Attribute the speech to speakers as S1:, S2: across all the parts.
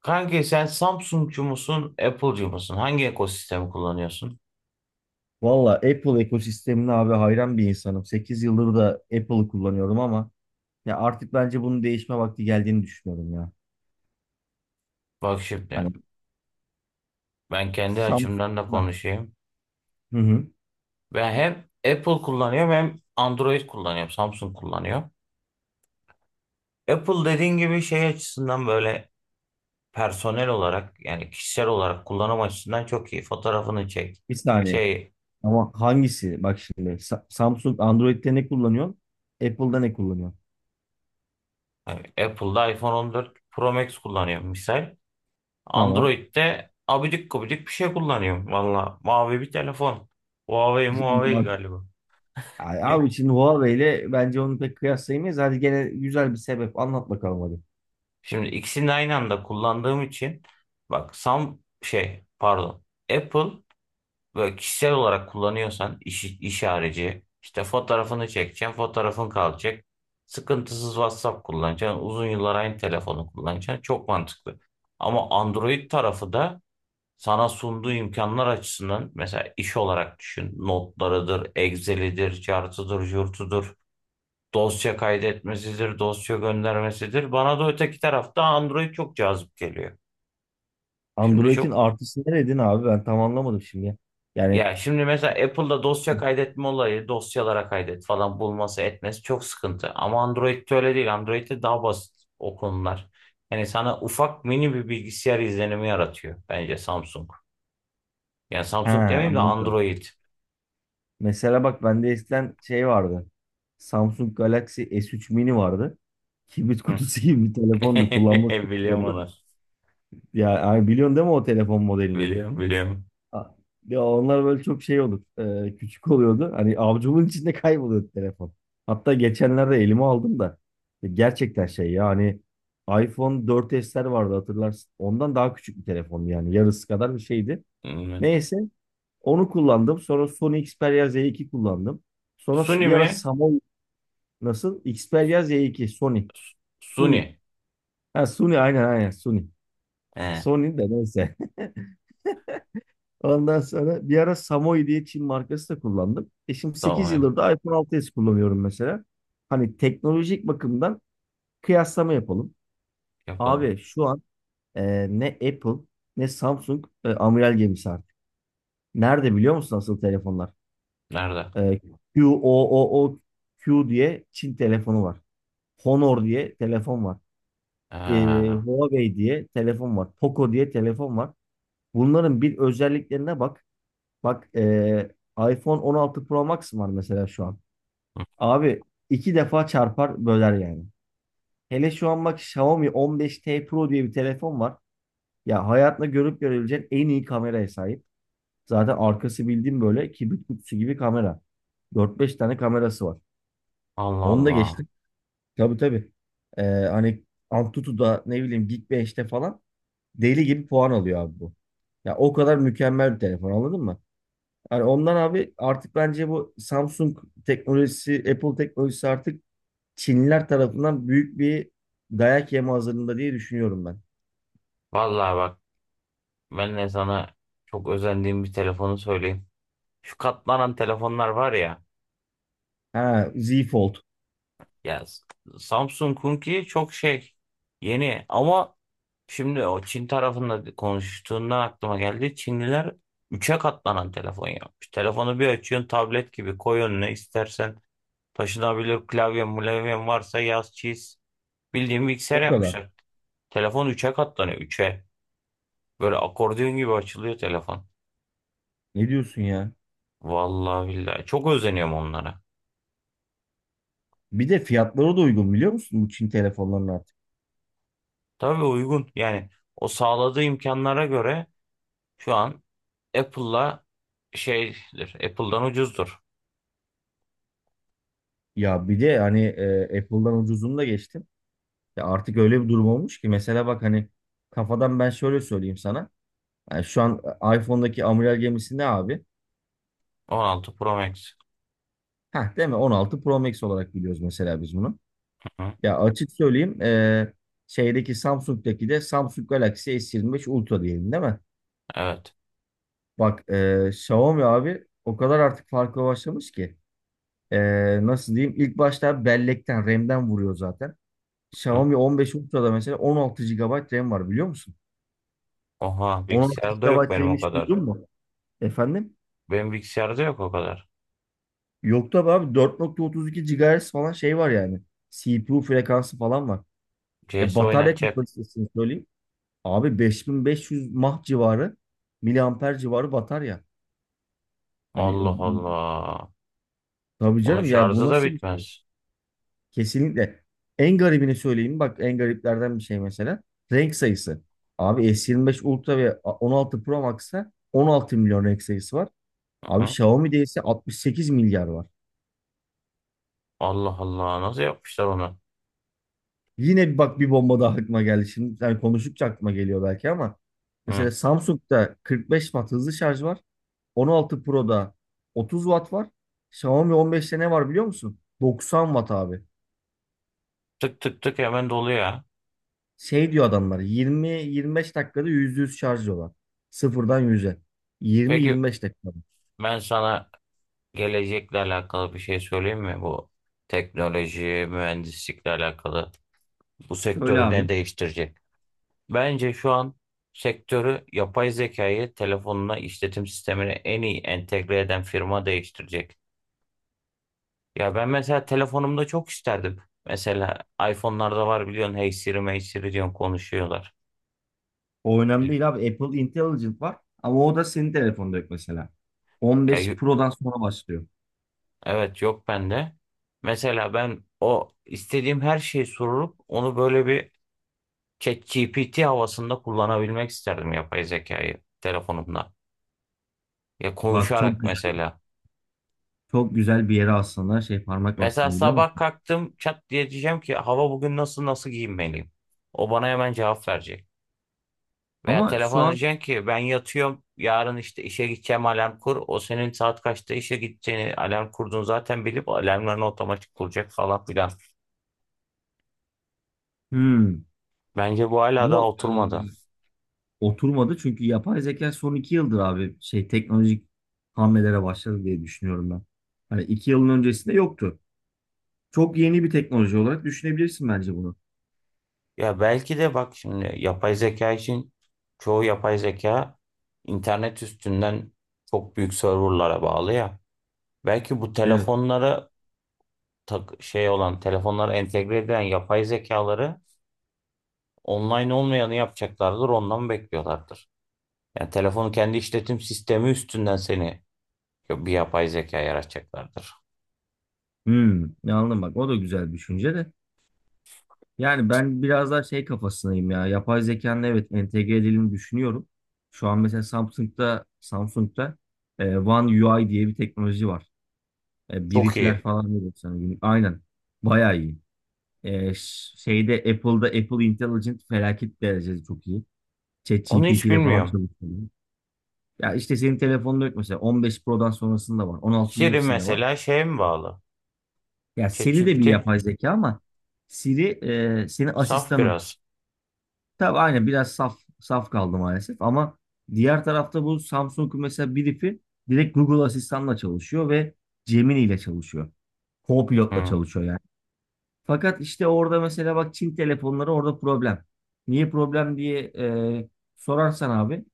S1: Kanki sen Samsung'cu musun, Apple'cu musun? Hangi ekosistemi kullanıyorsun?
S2: Valla Apple ekosistemine abi hayran bir insanım. 8 yıldır da Apple'ı kullanıyorum ama ya artık bence bunun değişme vakti geldiğini düşünüyorum ya.
S1: Bak şimdi
S2: Hani.
S1: ben kendi
S2: Samsung.
S1: açımdan da
S2: Ha,
S1: konuşayım.
S2: hı hı.
S1: Ben hem Apple kullanıyorum hem Android kullanıyorum, Samsung kullanıyorum. Apple dediğin gibi şey açısından böyle personel olarak yani kişisel olarak kullanım açısından çok iyi. Fotoğrafını çek.
S2: Bir saniye.
S1: Şey
S2: Ama hangisi? Bak şimdi Samsung Android'de ne kullanıyor? Apple'da ne kullanıyor?
S1: hani Apple'da iPhone 14 Pro Max kullanıyorum misal.
S2: Tamam.
S1: Android'de abidik gubidik bir şey kullanıyorum. Valla mavi bir telefon. Huawei Huawei
S2: Bak,
S1: galiba.
S2: ay abi, şimdi Huawei ile bence onu pek kıyaslayamayız. Hadi gene güzel bir sebep anlat bakalım hadi.
S1: Şimdi ikisini aynı anda kullandığım için bak, sam şey pardon, Apple böyle kişisel olarak kullanıyorsan iş, iş harici işte fotoğrafını çekeceksin, fotoğrafın kalacak, sıkıntısız WhatsApp kullanacaksın, uzun yıllar aynı telefonu kullanacaksın, çok mantıklı. Ama Android tarafı da sana sunduğu imkanlar açısından mesela iş olarak düşün: notlarıdır, Excel'idir, chart'ıdır, jurt'udur, dosya kaydetmesidir, dosya göndermesidir. Bana da öteki tarafta Android çok cazip geliyor. Şimdi
S2: Android'in
S1: çok,
S2: artısı neredin abi? Ben tam anlamadım şimdi. Yani.
S1: ya şimdi mesela Apple'da dosya kaydetme olayı, dosyalara kaydet falan bulması etmesi çok sıkıntı. Ama Android'de öyle değil. Android'de daha basit o konular. Yani sana ufak mini bir bilgisayar izlenimi yaratıyor bence Samsung. Yani
S2: He,
S1: Samsung demeyeyim de
S2: anladım.
S1: Android.
S2: Mesela bak bende eskiden şey vardı. Samsung Galaxy S3 Mini vardı. Kibrit
S1: Hı.
S2: kutusu gibi bir telefondu. Kullanması çok
S1: Biliyorum
S2: zordu.
S1: onu.
S2: Ya yani biliyorsun değil mi o telefon modelini?
S1: Biliyorum, biliyorum.
S2: A- Ya onlar böyle çok şey olur. Küçük oluyordu. Hani avcumun içinde kayboluyordu telefon. Hatta geçenlerde elime aldım da. Gerçekten şey ya hani iPhone 4S'ler vardı, hatırlarsın. Ondan daha küçük bir telefon yani. Yarısı kadar bir şeydi.
S1: Evet.
S2: Neyse, onu kullandım. Sonra Sony Xperia Z2 kullandım. Sonra
S1: Suni
S2: bir ara
S1: mi?
S2: Samsung, nasıl? Xperia Z2 Sony. Sony.
S1: Suni.
S2: Ha, Sony aynen aynen Sony.
S1: He,
S2: Sony de neyse. Ondan sonra bir ara Samoy diye Çin markası da kullandım. E, şimdi sekiz
S1: tamam
S2: yıldır da iPhone 6s kullanıyorum mesela. Hani teknolojik bakımdan kıyaslama yapalım.
S1: yapalım.
S2: Abi şu an ne Apple ne Samsung amiral gemisi artık. Nerede biliyor musun asıl telefonlar?
S1: Nerede?
S2: E, QOOQ diye Çin telefonu var. Honor diye telefon var. E,
S1: Ha.
S2: Huawei diye telefon var. Poco diye telefon var. Bunların bir özelliklerine bak. Bak iPhone 16 Pro Max var mesela şu an.
S1: Hı.
S2: Abi 2 defa çarpar böler yani. Hele şu an bak Xiaomi 15T Pro diye bir telefon var. Ya hayatında görüp görebileceğin en iyi kameraya sahip. Zaten arkası bildiğim böyle kibrit kutusu gibi kamera. Dört beş tane kamerası var.
S1: Allah
S2: Onu da
S1: Allah.
S2: geçtim. Tabii tabii. Hani Antutu'da ne bileyim, Geek 5'te falan deli gibi puan alıyor abi bu. Ya o kadar mükemmel bir telefon, anladın mı? Hani ondan abi artık bence bu Samsung teknolojisi, Apple teknolojisi artık Çinliler tarafından büyük bir dayak yeme hazırlığında diye düşünüyorum ben.
S1: Vallahi bak, ben de sana çok özendiğim bir telefonu söyleyeyim. Şu katlanan telefonlar var ya.
S2: Ha, Z Fold.
S1: Ya Samsung Kunki çok şey yeni ama şimdi o Çin tarafında konuştuğundan aklıma geldi. Çinliler üçe katlanan telefon yapmış. Telefonu bir açıyorsun, tablet gibi koy önüne, istersen taşınabilir klavye mulevyen varsa yaz çiz. Bildiğin bilgisayar
S2: O kadar.
S1: yapmışlar. Telefon üçe katlanıyor. Üçe. Böyle akordeon gibi açılıyor telefon.
S2: Ne diyorsun ya?
S1: Vallahi billahi. Çok özeniyorum onlara.
S2: Bir de fiyatları da uygun, biliyor musun bu Çin telefonlarının artık?
S1: Tabii uygun. Yani o sağladığı imkanlara göre şu an Apple'la şeydir. Apple'dan ucuzdur.
S2: Ya bir de hani Apple'dan ucuzunu da geçtim. Ya artık öyle bir durum olmuş ki, mesela bak hani kafadan ben şöyle söyleyeyim sana. Yani şu an iPhone'daki amiral gemisi ne abi?
S1: 16 Pro Max.
S2: Heh, değil mi? 16 Pro Max olarak biliyoruz mesela biz bunu.
S1: Hı,
S2: Ya açık söyleyeyim, şeydeki Samsung'daki de Samsung Galaxy S25 Ultra diyelim değil mi?
S1: evet.
S2: Bak Xiaomi abi o kadar artık farklı başlamış ki. Nasıl diyeyim? İlk başta bellekten RAM'den vuruyor zaten.
S1: Hı.
S2: Xiaomi 15 Ultra'da mesela 16 gigabayt RAM var biliyor musun?
S1: Oha
S2: 16
S1: bilgisayarda yok
S2: gigabayt
S1: benim
S2: RAM
S1: o
S2: hiç
S1: kadar.
S2: duydun mu? Efendim?
S1: Benim bilgisayarda yok o kadar.
S2: Yok tabii abi, 4,32 GHz falan şey var yani. CPU frekansı falan var.
S1: C
S2: E,
S1: S
S2: batarya
S1: oynatacak.
S2: kapasitesini söyleyeyim. Abi 5.500 mAh civarı, miliamper civarı batarya. Hani
S1: Allah Allah.
S2: tabii
S1: Onun
S2: canım, yani bu
S1: şarjı da
S2: nasıl bir şey?
S1: bitmez.
S2: Kesinlikle. En garibini söyleyeyim. Bak en gariplerden bir şey mesela. Renk sayısı. Abi S25 Ultra ve 16 Pro Max'ta 16 milyon renk sayısı var. Abi
S1: Hı.
S2: Xiaomi'de ise 68 milyar var.
S1: Allah Allah. Nasıl yapmışlar onu?
S2: Yine bir bak, bir bomba daha aklıma geldi. Şimdi, yani konuştukça aklıma geliyor belki ama mesela
S1: Hı.
S2: Samsung'da 45 watt hızlı şarj var. 16 Pro'da 30 watt var. Xiaomi 15'te ne var biliyor musun? 90 watt abi.
S1: Tık tık tık hemen doluyor, ya.
S2: Şey diyor adamlar, 20-25 dakikada %100 şarj diyorlar. Sıfırdan 100'e.
S1: Peki,
S2: 20-25 dakikada.
S1: ben sana gelecekle alakalı bir şey söyleyeyim mi? Bu teknoloji, mühendislikle alakalı bu
S2: Söyle
S1: sektörü
S2: abi.
S1: ne değiştirecek? Bence şu an sektörü yapay zekayı telefonuna, işletim sistemine en iyi entegre eden firma değiştirecek. Ya ben mesela telefonumda çok isterdim. Mesela iPhone'larda var biliyorsun, Hey Siri, Hey Siri diyorsun konuşuyorlar.
S2: O önemli değil abi. Apple Intelligent var ama o da senin telefonda yok mesela.
S1: Ya
S2: 15 Pro'dan sonra başlıyor.
S1: evet, yok bende. Mesela ben o istediğim her şeyi sorup onu böyle bir ChatGPT havasında kullanabilmek isterdim yapay zekayı telefonumda. Ya
S2: Bak, çok
S1: konuşarak
S2: güzel.
S1: mesela.
S2: Çok güzel bir yere aslında şey parmak
S1: Mesela
S2: bastım, biliyor
S1: sabah
S2: musun?
S1: kalktım, çat diye diyeceğim ki hava bugün nasıl, nasıl giyinmeliyim? O bana hemen cevap verecek. Veya
S2: Ama şu
S1: telefon,
S2: an
S1: diyeceğim ki ben yatıyorum, yarın işte işe gideceğim, alarm kur. O senin saat kaçta işe gideceğini, alarm kurduğunu zaten bilip alarmlarını otomatik kuracak falan filan.
S2: hmm,
S1: Bence bu hala daha
S2: ama e,
S1: oturmadı.
S2: oturmadı çünkü yapay zeka son 2 yıldır abi şey teknolojik hamlelere başladı diye düşünüyorum ben. Hani 2 yılın öncesinde yoktu. Çok yeni bir teknoloji olarak düşünebilirsin bence bunu.
S1: Ya belki de bak şimdi yapay zeka için çoğu yapay zeka internet üstünden çok büyük serverlara bağlı ya. Belki bu
S2: Evet.
S1: telefonlara tak, şey olan telefonlara entegre edilen yapay zekaları online olmayanı yapacaklardır, ondan bekliyorlardır. Yani telefonun kendi işletim sistemi üstünden seni bir yapay zeka yaratacaklardır.
S2: Ne anladım bak, o da güzel bir düşünce de. Yani ben biraz daha şey kafasındayım ya. Yapay zekanın evet entegre edildiğini düşünüyorum. Şu an mesela Samsung'da One UI diye bir teknoloji var. E,
S1: Çok
S2: briefler
S1: iyi.
S2: falan veriyor sana günlük. Aynen. Bayağı iyi. E, ş- şeyde Apple'da Apple Intelligent felaket derecede çok iyi.
S1: Onu
S2: ChatGPT
S1: hiç
S2: ile falan
S1: bilmiyorum.
S2: çalışıyor. Ya işte senin telefonunda yok mesela. 15 Pro'dan sonrasında var. 16'nın
S1: Siri
S2: hepsinde var.
S1: mesela şeye mi bağlı?
S2: Ya Siri de bir
S1: ChatGPT.
S2: yapay zeka ama Siri, senin
S1: Saf
S2: asistanın.
S1: biraz.
S2: Tabii aynen, biraz saf saf kaldı maalesef ama diğer tarafta bu Samsung'un mesela brief'i direkt Google asistanla çalışıyor ve Gemini ile çalışıyor. Co-pilotla
S1: Hı.
S2: çalışıyor yani. Fakat işte orada mesela bak, Çin telefonları orada problem. Niye problem diye sorarsan abi.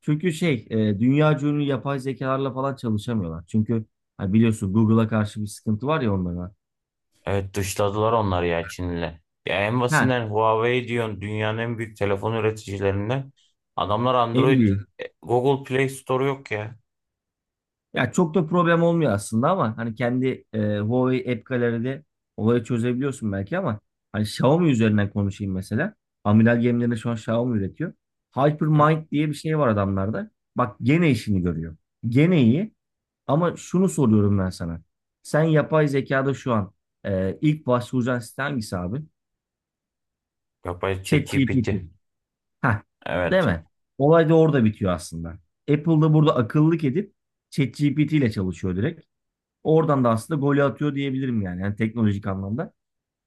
S2: Çünkü dünya ünlü yapay zekalarla falan çalışamıyorlar. Çünkü ha biliyorsun Google'a karşı bir sıkıntı var ya onlara.
S1: Evet, dışladılar onları ya Çin'le. Ya en
S2: Ha,
S1: basitinden Huawei diyorsun dünyanın en büyük telefon üreticilerinden. Adamlar
S2: en
S1: Android,
S2: büyük.
S1: Google Play Store yok ya.
S2: Ya çok da problem olmuyor aslında ama hani kendi Huawei App Gallery'de olayı çözebiliyorsun belki ama hani Xiaomi üzerinden konuşayım mesela. Amiral gemilerini şu an Xiaomi üretiyor.
S1: Hı?
S2: Hypermind diye bir şey var adamlarda. Bak gene işini görüyor. Gene iyi. Ama şunu soruyorum ben sana. Sen yapay zekada şu an ilk başvuracağın site hangisi abi?
S1: Yapay ChatGPT.
S2: ChatGPT. Heh, değil
S1: Evet.
S2: mi? Olay da orada bitiyor aslında. Apple'da burada akıllılık edip ChatGPT ile çalışıyor direkt. Oradan da aslında golü atıyor diyebilirim yani. Yani teknolojik anlamda.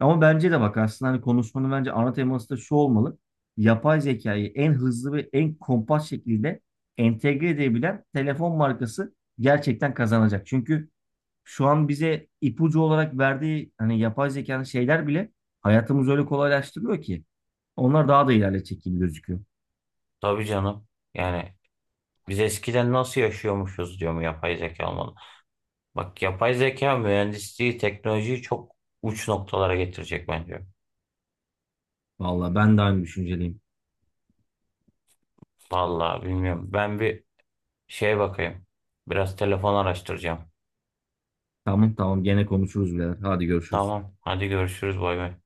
S2: Ama bence de bak aslında hani konuşmanın bence ana teması da şu olmalı. Yapay zekayı en hızlı ve en kompakt şekilde entegre edebilen telefon markası gerçekten kazanacak. Çünkü şu an bize ipucu olarak verdiği hani yapay zekanın şeyler bile hayatımızı öyle kolaylaştırıyor ki. Onlar daha da ilerletecek gibi gözüküyor.
S1: Tabii canım. Yani biz eskiden nasıl yaşıyormuşuz diyor mu, yapay zeka olmalı. Bak yapay zeka mühendisliği, teknolojiyi çok uç noktalara getirecek bence.
S2: Vallahi ben de aynı düşünceliyim.
S1: Vallahi bilmiyorum. Ben bir şeye bakayım. Biraz telefon araştıracağım.
S2: Tamam tamam, gene konuşuruz birader. Hadi görüşürüz.
S1: Tamam. Hadi görüşürüz. Bay bay.